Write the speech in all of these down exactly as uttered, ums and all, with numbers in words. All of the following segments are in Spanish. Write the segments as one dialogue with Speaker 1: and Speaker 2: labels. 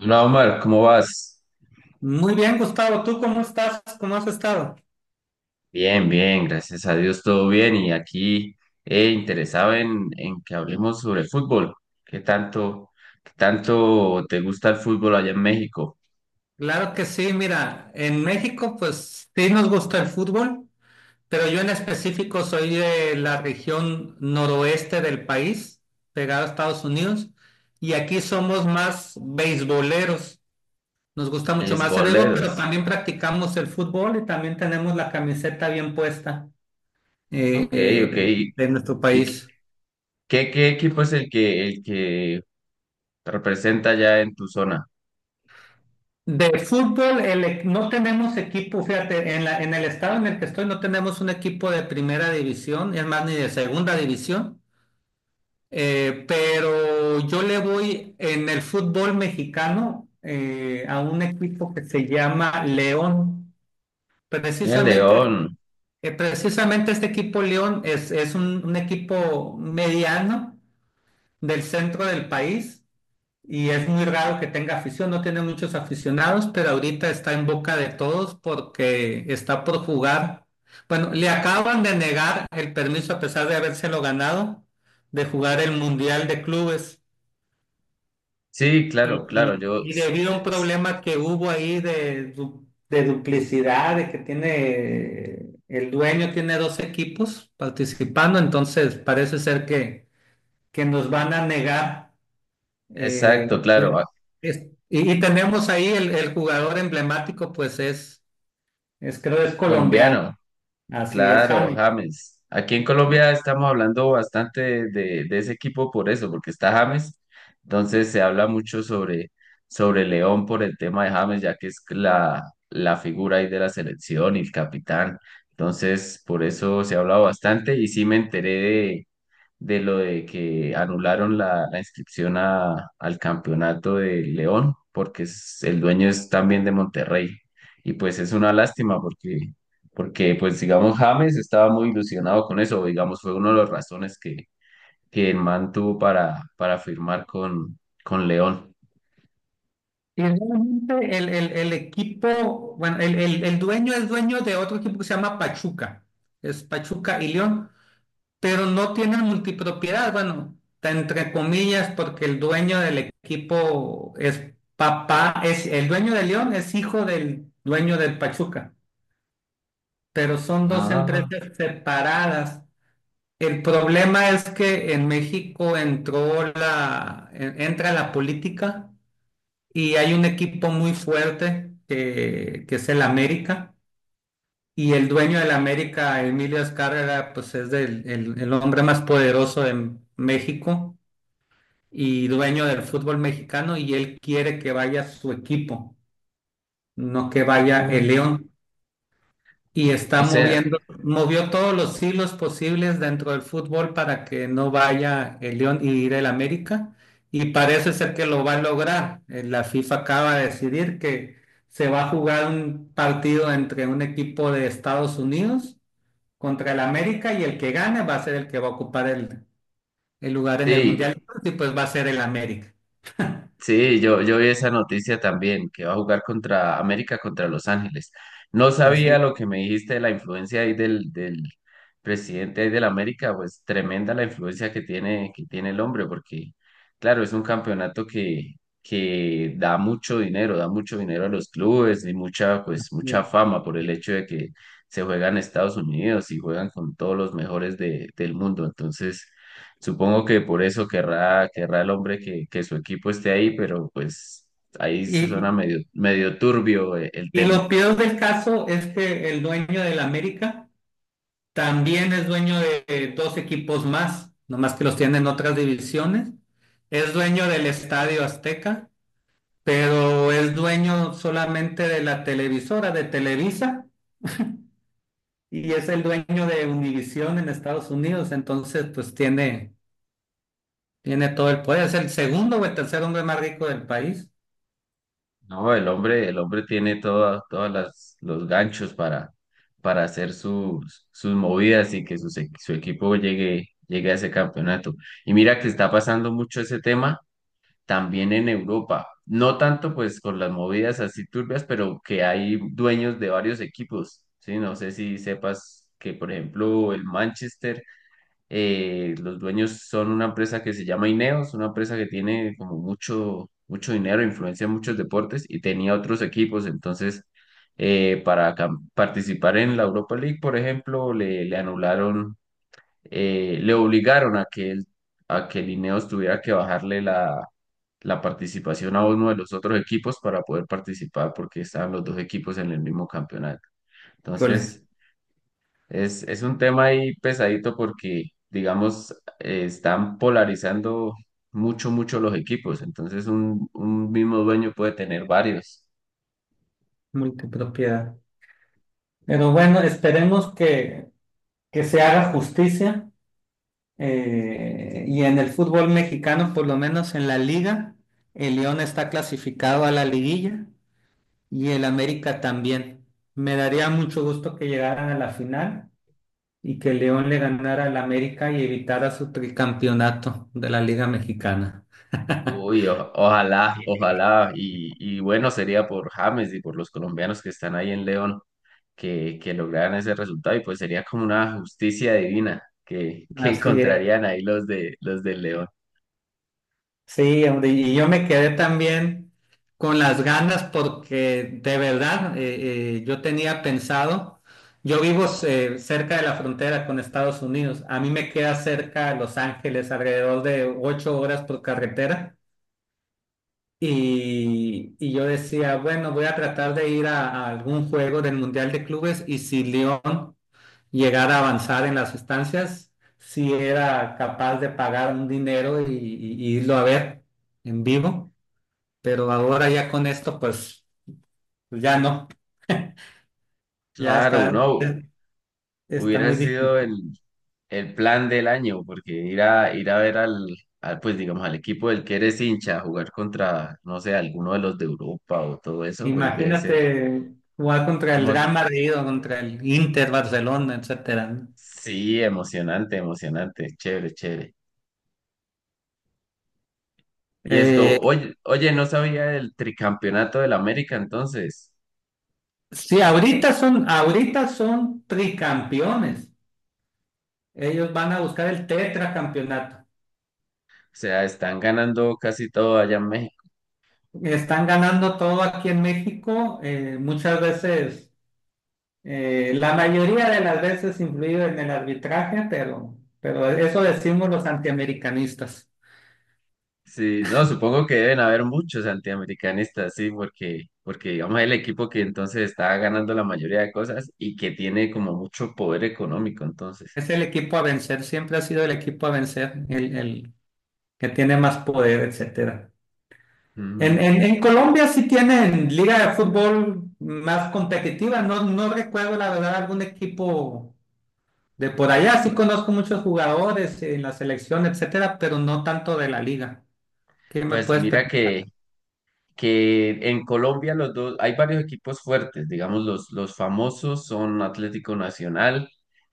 Speaker 1: Hola Omar, ¿cómo vas?
Speaker 2: Muy bien, Gustavo, ¿tú cómo estás? ¿Cómo has estado?
Speaker 1: Bien, bien, gracias a Dios, todo bien. Y aquí eh, interesado en, en que hablemos sobre fútbol. ¿Qué tanto, ¿Qué tanto te gusta el fútbol allá en México?
Speaker 2: Claro que sí, mira, en México pues sí nos gusta el fútbol, pero yo en específico soy de la región noroeste del país, pegado a Estados Unidos, y aquí somos más beisboleros. Nos gusta mucho más el béisbol, pero
Speaker 1: Beisboleros.
Speaker 2: también practicamos el fútbol y también tenemos la camiseta bien puesta eh,
Speaker 1: Ok, ok.
Speaker 2: eh, de nuestro
Speaker 1: ¿Y
Speaker 2: país.
Speaker 1: qué, qué equipo es el que, el que te representa allá en tu zona?
Speaker 2: De fútbol, el e- no tenemos equipo, fíjate, en la, en el estado en el que estoy no tenemos un equipo de primera división, es más, ni de segunda división, eh, pero yo le voy en el fútbol mexicano eh, a un equipo que se llama León.
Speaker 1: Y El
Speaker 2: Precisamente,
Speaker 1: León.
Speaker 2: eh, precisamente este equipo León es, es un, un equipo mediano del centro del país y es muy raro que tenga afición, no tiene muchos aficionados, pero ahorita está en boca de todos porque está por jugar. Bueno, le acaban de negar el permiso, a pesar de habérselo ganado, de jugar el Mundial de Clubes.
Speaker 1: Sí,
Speaker 2: Y,
Speaker 1: claro, claro,
Speaker 2: y-
Speaker 1: yo.
Speaker 2: y
Speaker 1: s-
Speaker 2: debido a un
Speaker 1: s-
Speaker 2: problema que hubo ahí de, du- de duplicidad, de que tiene, el dueño tiene dos equipos participando, entonces parece ser que, que nos van a negar. Eh,
Speaker 1: exacto, claro.
Speaker 2: el-
Speaker 1: ah,
Speaker 2: es- y, y tenemos ahí el, el jugador emblemático, pues es, es, creo es colombiano,
Speaker 1: Colombiano.
Speaker 2: así es,
Speaker 1: Claro,
Speaker 2: James.
Speaker 1: James. Aquí en Colombia estamos hablando bastante de, de- de ese equipo por eso, porque está James. Entonces se habla mucho sobre, sobre León por el tema de James, ya que es la, la figura ahí de la selección y el capitán. Entonces, por eso se ha hablado bastante y sí me enteré de lo de que anularon la, la inscripción a- al campeonato de León, porque es- el dueño es también de Monterrey. Y pues es una lástima porque, porque pues digamos James estaba muy ilusionado con eso, digamos fue una de las razones que, que el man tuvo para, para firmar con, con León.
Speaker 2: Y realmente el, el- el equipo, bueno, el, el- el dueño es dueño de otro equipo que se llama Pachuca, es Pachuca y León, pero no tienen multipropiedad, bueno, ta- entre comillas, porque el dueño del equipo es papá, es el dueño de León, es hijo del dueño del Pachuca, pero son dos
Speaker 1: Ah,
Speaker 2: empresas separadas. El problema es que en México entró la, en- entra la política y hay un equipo muy fuerte que, que es el América, y el dueño del América, Emilio Azcárraga, pues es del- el, el hombre más poderoso de México y dueño del fútbol mexicano, y él quiere que vaya su equipo, no que vaya el
Speaker 1: mm,
Speaker 2: León. Y está
Speaker 1: o sea,
Speaker 2: moviendo, movió todos los hilos posibles dentro del fútbol para que no vaya el León y ir el América. Y parece ser que lo va a lograr. Eh, La FIFA acaba de decidir que se va a jugar un partido entre un equipo de Estados Unidos contra el América, y el que gane va a ser el que va a ocupar el, el lugar en el Mundial,
Speaker 1: sí.
Speaker 2: y pues va a ser el América.
Speaker 1: Sí, yo, yo vi esa noticia también, que va a jugar contra América, contra Los Ángeles. No sabía
Speaker 2: Así
Speaker 1: lo que me dijiste de la influencia ahí del, del presidente ahí del América, pues tremenda la influencia que tiene, que tiene el hombre, porque claro, es un campeonato que, que da mucho dinero, da mucho dinero a los clubes y mucha, pues, mucha
Speaker 2: es.
Speaker 1: fama por el hecho de que se juega en Estados Unidos y juegan con todos los mejores de, del mundo. Entonces, supongo que por eso querrá, querrá el hombre que, que su equipo esté ahí, pero pues ahí
Speaker 2: Y,
Speaker 1: suena
Speaker 2: y
Speaker 1: medio, medio turbio eh, el
Speaker 2: y
Speaker 1: tema.
Speaker 2: lo peor del caso es que el dueño del América también es dueño de dos equipos más, nomás que los tiene en otras divisiones. Es dueño del Estadio Azteca, pero es dueño solamente de la televisora de Televisa, y es el dueño de Univisión en Estados Unidos. Entonces, pues tiene, tiene todo el poder. Es el segundo o el tercer hombre más rico del país.
Speaker 1: No, el hombre, el hombre tiene todas todas las, los ganchos para, para hacer sus, sus movidas y que su, su equipo llegue, llegue a ese campeonato. Y mira que está pasando mucho ese tema también en Europa. No tanto pues con las movidas así turbias, pero que hay dueños de varios equipos, ¿sí? No sé si sepas que, por ejemplo, el Manchester, eh, los dueños son una empresa que se llama Ineos, una empresa que tiene como mucho, mucho dinero, influencia en muchos deportes y tenía otros equipos, entonces eh, para cam- participar en la Europa League, por ejemplo, le, le anularon, eh, le obligaron a que el, a que el Ineos tuviera que bajarle la, la participación a uno de los otros equipos para poder participar porque estaban los dos equipos en el mismo campeonato.
Speaker 2: Híjole,
Speaker 1: Entonces, es, es un tema ahí pesadito porque, digamos, eh, están polarizando mucho, mucho los equipos. Entonces, un, un mismo dueño puede tener varios.
Speaker 2: multipropiedad. Pero bueno, esperemos que, que se haga justicia. Eh, y en el fútbol mexicano, por lo menos en la liga, el León está clasificado a la liguilla y el América también. Me daría mucho gusto que llegaran a la final y que el León le ganara al América y evitara su tricampeonato de la Liga Mexicana.
Speaker 1: Uy, o- ojalá, ojalá. Y, y bueno, sería por James y por los colombianos que están ahí en León, que, que lograran ese resultado y pues sería como una justicia divina que, que
Speaker 2: Así es.
Speaker 1: encontrarían ahí los de los del León.
Speaker 2: Sí, hombre, y yo me quedé también con las ganas porque de verdad eh, eh, yo tenía pensado, yo vivo eh, cerca de la frontera con Estados Unidos. A mí me queda cerca de Los Ángeles, alrededor de ocho horas por carretera, y, y yo decía, bueno, voy a tratar de ir a, a algún juego del Mundial de Clubes, y si León llegara a avanzar en las estancias, si era capaz de pagar un dinero y y- y irlo a ver en vivo. Pero ahora ya con esto, pues pues ya no, ya
Speaker 1: Claro,
Speaker 2: está,
Speaker 1: no,
Speaker 2: es- está
Speaker 1: hubiera
Speaker 2: muy difícil.
Speaker 1: sido el, el plan del año, porque ir a, ir a ver al, al, pues digamos, al equipo del que eres hincha, jugar contra, no sé, alguno de los de Europa o todo eso, pues debe
Speaker 2: Imagínate
Speaker 1: ser
Speaker 2: jugar contra el Real
Speaker 1: emo-
Speaker 2: Madrid o contra el Inter, Barcelona, etcétera, ¿no?
Speaker 1: sí, emocionante, emocionante, chévere, chévere. Y esto,
Speaker 2: Eh,
Speaker 1: oye, oye, no sabía del tricampeonato del América entonces.
Speaker 2: sí, ahorita son, ahorita son tricampeones. Ellos van a buscar el tetracampeonato.
Speaker 1: O sea, están ganando casi todo allá en México.
Speaker 2: Están ganando todo aquí en México, eh, muchas veces, eh, la mayoría de las veces, influido en el arbitraje, pero, pero eso decimos los antiamericanistas.
Speaker 1: Sí, no, supongo que deben haber muchos antiamericanistas, sí, porque, porque digamos el equipo que entonces está ganando la mayoría de cosas y que tiene como mucho poder económico, entonces.
Speaker 2: Es el equipo a vencer, siempre ha sido el equipo a vencer, el, el que tiene más poder, etcétera. En,
Speaker 1: Ujú.
Speaker 2: en, en Colombia sí tienen liga de fútbol más competitiva. No, no recuerdo la verdad algún equipo de por allá, sí conozco muchos jugadores en la selección, etcétera, pero no tanto de la liga. ¿Qué me
Speaker 1: Pues
Speaker 2: puedes
Speaker 1: mira
Speaker 2: platicar?
Speaker 1: que que en Colombia los dos, hay varios equipos fuertes, digamos, los, los famosos son Atlético Nacional,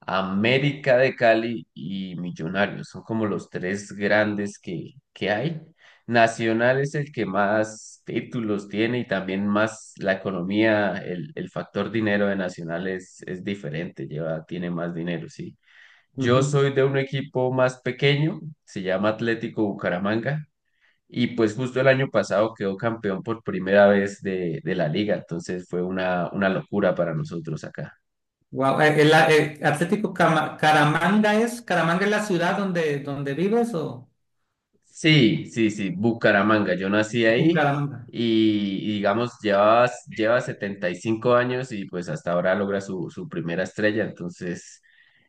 Speaker 1: América de Cali y Millonarios, son como los tres grandes que, que hay. Nacional es el que más títulos tiene y también más la economía, el, el factor dinero de Nacional es, es diferente, lleva, tiene más dinero, sí. Yo
Speaker 2: Ujú.
Speaker 1: soy de un equipo más pequeño, se llama Atlético Bucaramanga, y pues justo el año pasado quedó campeón por primera vez de, de la liga, entonces fue una, una locura para nosotros acá.
Speaker 2: Guau, eh, El, eh, Atlético Cama- Caramanga es, Caramanga es la ciudad donde, donde vives, o...
Speaker 1: Sí, sí, sí, Bucaramanga, yo nací ahí
Speaker 2: Bucaramanga.
Speaker 1: y, y digamos lleva, lleva setenta y cinco años y pues hasta ahora logra su, su primera estrella, entonces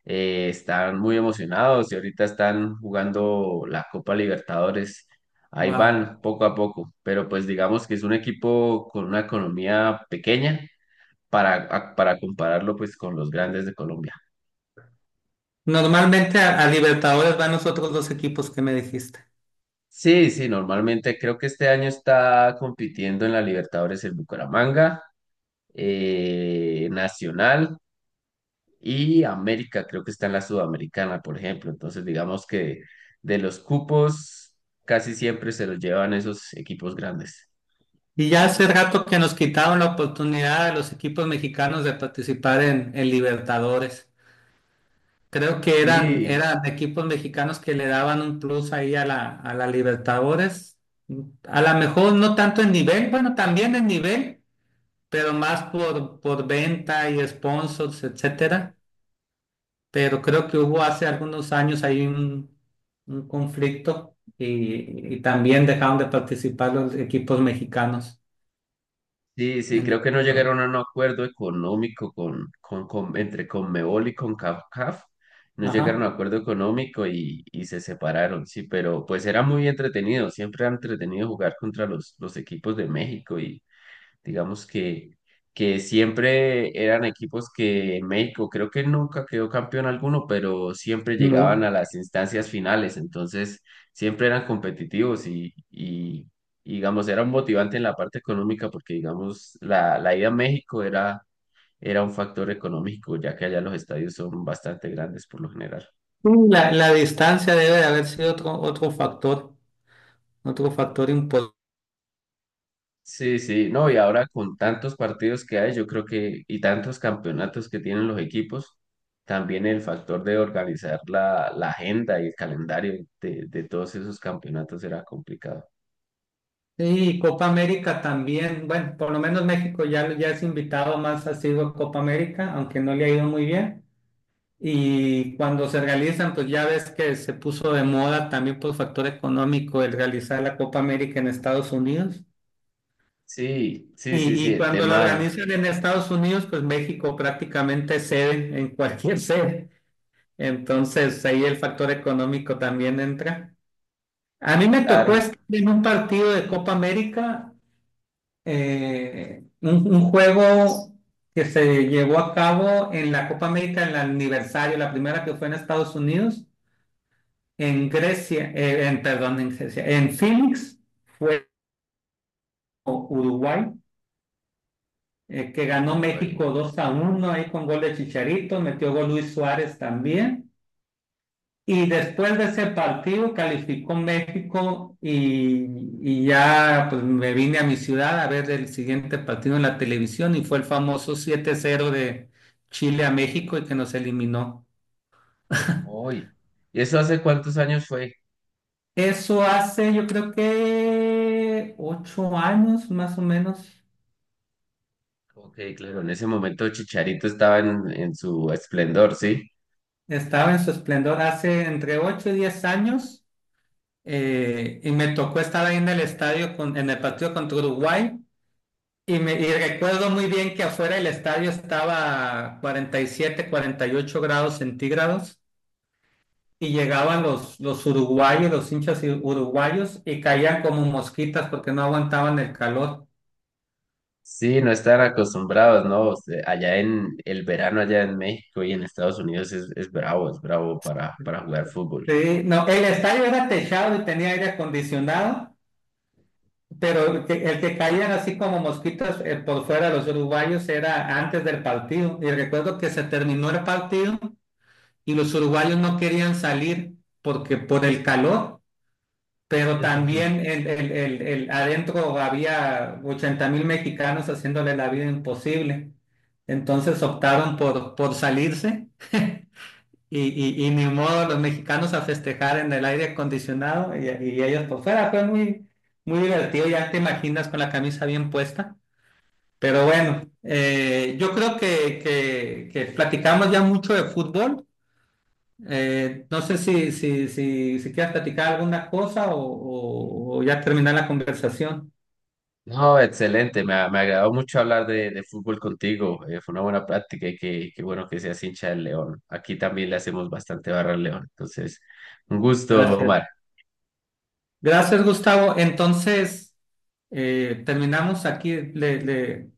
Speaker 1: eh, están muy emocionados y ahorita están jugando la Copa Libertadores. Ahí
Speaker 2: Wow.
Speaker 1: van poco a poco, pero pues digamos que es un equipo con una economía pequeña para, a- para compararlo pues con los grandes de Colombia.
Speaker 2: Normalmente a, a Libertadores van los otros dos equipos que me dijiste.
Speaker 1: Sí, sí, normalmente creo que este año está compitiendo en la Libertadores el Bucaramanga, eh, Nacional y América, creo que está en la Sudamericana, por ejemplo. Entonces, digamos que de los cupos casi siempre se los llevan esos equipos grandes.
Speaker 2: Y ya hace rato que nos quitaron la oportunidad a los equipos mexicanos de participar en, en Libertadores. Creo que eran,
Speaker 1: Sí.
Speaker 2: eran equipos mexicanos que le daban un plus ahí a la, a la Libertadores. A lo mejor no tanto en nivel, bueno, también en nivel, pero más por, por venta y sponsors, etcétera, pero creo que hubo hace algunos años ahí un, un conflicto, y, y también dejaron de participar los equipos mexicanos
Speaker 1: Sí, sí,
Speaker 2: en
Speaker 1: creo que no
Speaker 2: Libertadores.
Speaker 1: llegaron a un acuerdo económico con, con, con- entre Conmebol y con CONCACAF. No llegaron
Speaker 2: Ajá.
Speaker 1: a un acuerdo económico y, y se separaron, sí, pero pues era muy entretenido. Siempre era entretenido jugar contra los, los equipos de México. Digamos que, que siempre eran equipos que México creo que nunca quedó campeón alguno, pero siempre llegaban
Speaker 2: No.
Speaker 1: a las instancias finales, entonces siempre eran competitivos y, y, y, digamos, era un motivante en la parte económica porque, digamos, la, la ida a México era, era un factor económico, ya que allá los estadios son bastante grandes por lo general.
Speaker 2: La, la distancia debe de haber sido otro, otro factor, otro factor importante.
Speaker 1: Sí, sí, no, y ahora con tantos partidos que hay, yo creo que, y tantos campeonatos que tienen los equipos, también el factor de organizar la, la agenda y el calendario de, de todos esos campeonatos era complicado.
Speaker 2: Y Copa América también, bueno, por lo menos México ya, ya es invitado más asiduo a Copa América, aunque no le ha ido muy bien. Y cuando se realizan, pues ya ves que se puso de moda también por factor económico el realizar la Copa América en Estados Unidos.
Speaker 1: Sí, sí, sí,
Speaker 2: Y,
Speaker 1: sí,
Speaker 2: y
Speaker 1: el
Speaker 2: cuando lo
Speaker 1: tema,
Speaker 2: organizan en Estados Unidos, pues México prácticamente cede en cualquier sede. Entonces ahí el factor económico también entra. A mí me tocó
Speaker 1: claro,
Speaker 2: estar en un partido de Copa América, eh, un, un juego que se llevó a cabo en la Copa América, en el aniversario, la primera que fue en Estados Unidos. En Grecia, eh, en, perdón, en Grecia, en Phoenix, fue Uruguay, eh, que ganó México
Speaker 1: Uruguay,
Speaker 2: dos a uno ahí con gol de Chicharito, metió gol Luis Suárez también. Y después de ese partido calificó México, y, y ya pues me vine a mi ciudad a ver el siguiente partido en la televisión, y fue el famoso siete cero de Chile a México y que nos eliminó.
Speaker 1: hoy. ¿Y eso hace cuántos años fue?
Speaker 2: Eso hace yo creo que ocho años más o menos.
Speaker 1: Ok, claro, en ese momento Chicharito estaba en, en su esplendor, ¿sí?
Speaker 2: Estaba en su esplendor hace entre ocho y diez años, eh, y me tocó estar ahí en el estadio, con- en el partido contra Uruguay, y, me, y recuerdo muy bien que afuera del estadio estaba cuarenta y siete cuarenta y ocho grados centígrados, y llegaban los, los uruguayos, los hinchas i- uruguayos, y caían como mosquitas porque no aguantaban el calor.
Speaker 1: Sí, no estar acostumbrados, ¿no? O sea, allá en el verano, allá en México y en Estados Unidos es, es bravo, es bravo para, para jugar fútbol.
Speaker 2: Sí, no, el estadio era techado y tenía aire acondicionado. Pero el que, el que caían así como mosquitas eh, por fuera los uruguayos, era antes del partido. Y recuerdo que se terminó el partido y los uruguayos no querían salir porque por el calor, pero también el, el, el, el- adentro había ochenta mil mexicanos haciéndole la vida imposible. Entonces optaron por, por salirse y, y, y ni modo, los mexicanos a festejar en el aire acondicionado y, y ellos por fuera. Fue muy, muy divertido, ya te imaginas con la camisa bien puesta. Pero bueno, eh, yo creo que, que, que platicamos ya mucho de fútbol. Eh, no sé si, si, si, si quieres platicar alguna cosa o, o- o ya terminar la conversación.
Speaker 1: No, excelente, me, ha- me agradó mucho hablar de, de fútbol contigo, eh, fue una buena práctica y qué, qué bueno que seas hincha del León. Aquí también le hacemos bastante barra al León, entonces, un gusto,
Speaker 2: Gracias.
Speaker 1: Omar.
Speaker 2: Gracias, Gustavo. Entonces, eh, terminamos aquí. Le, le-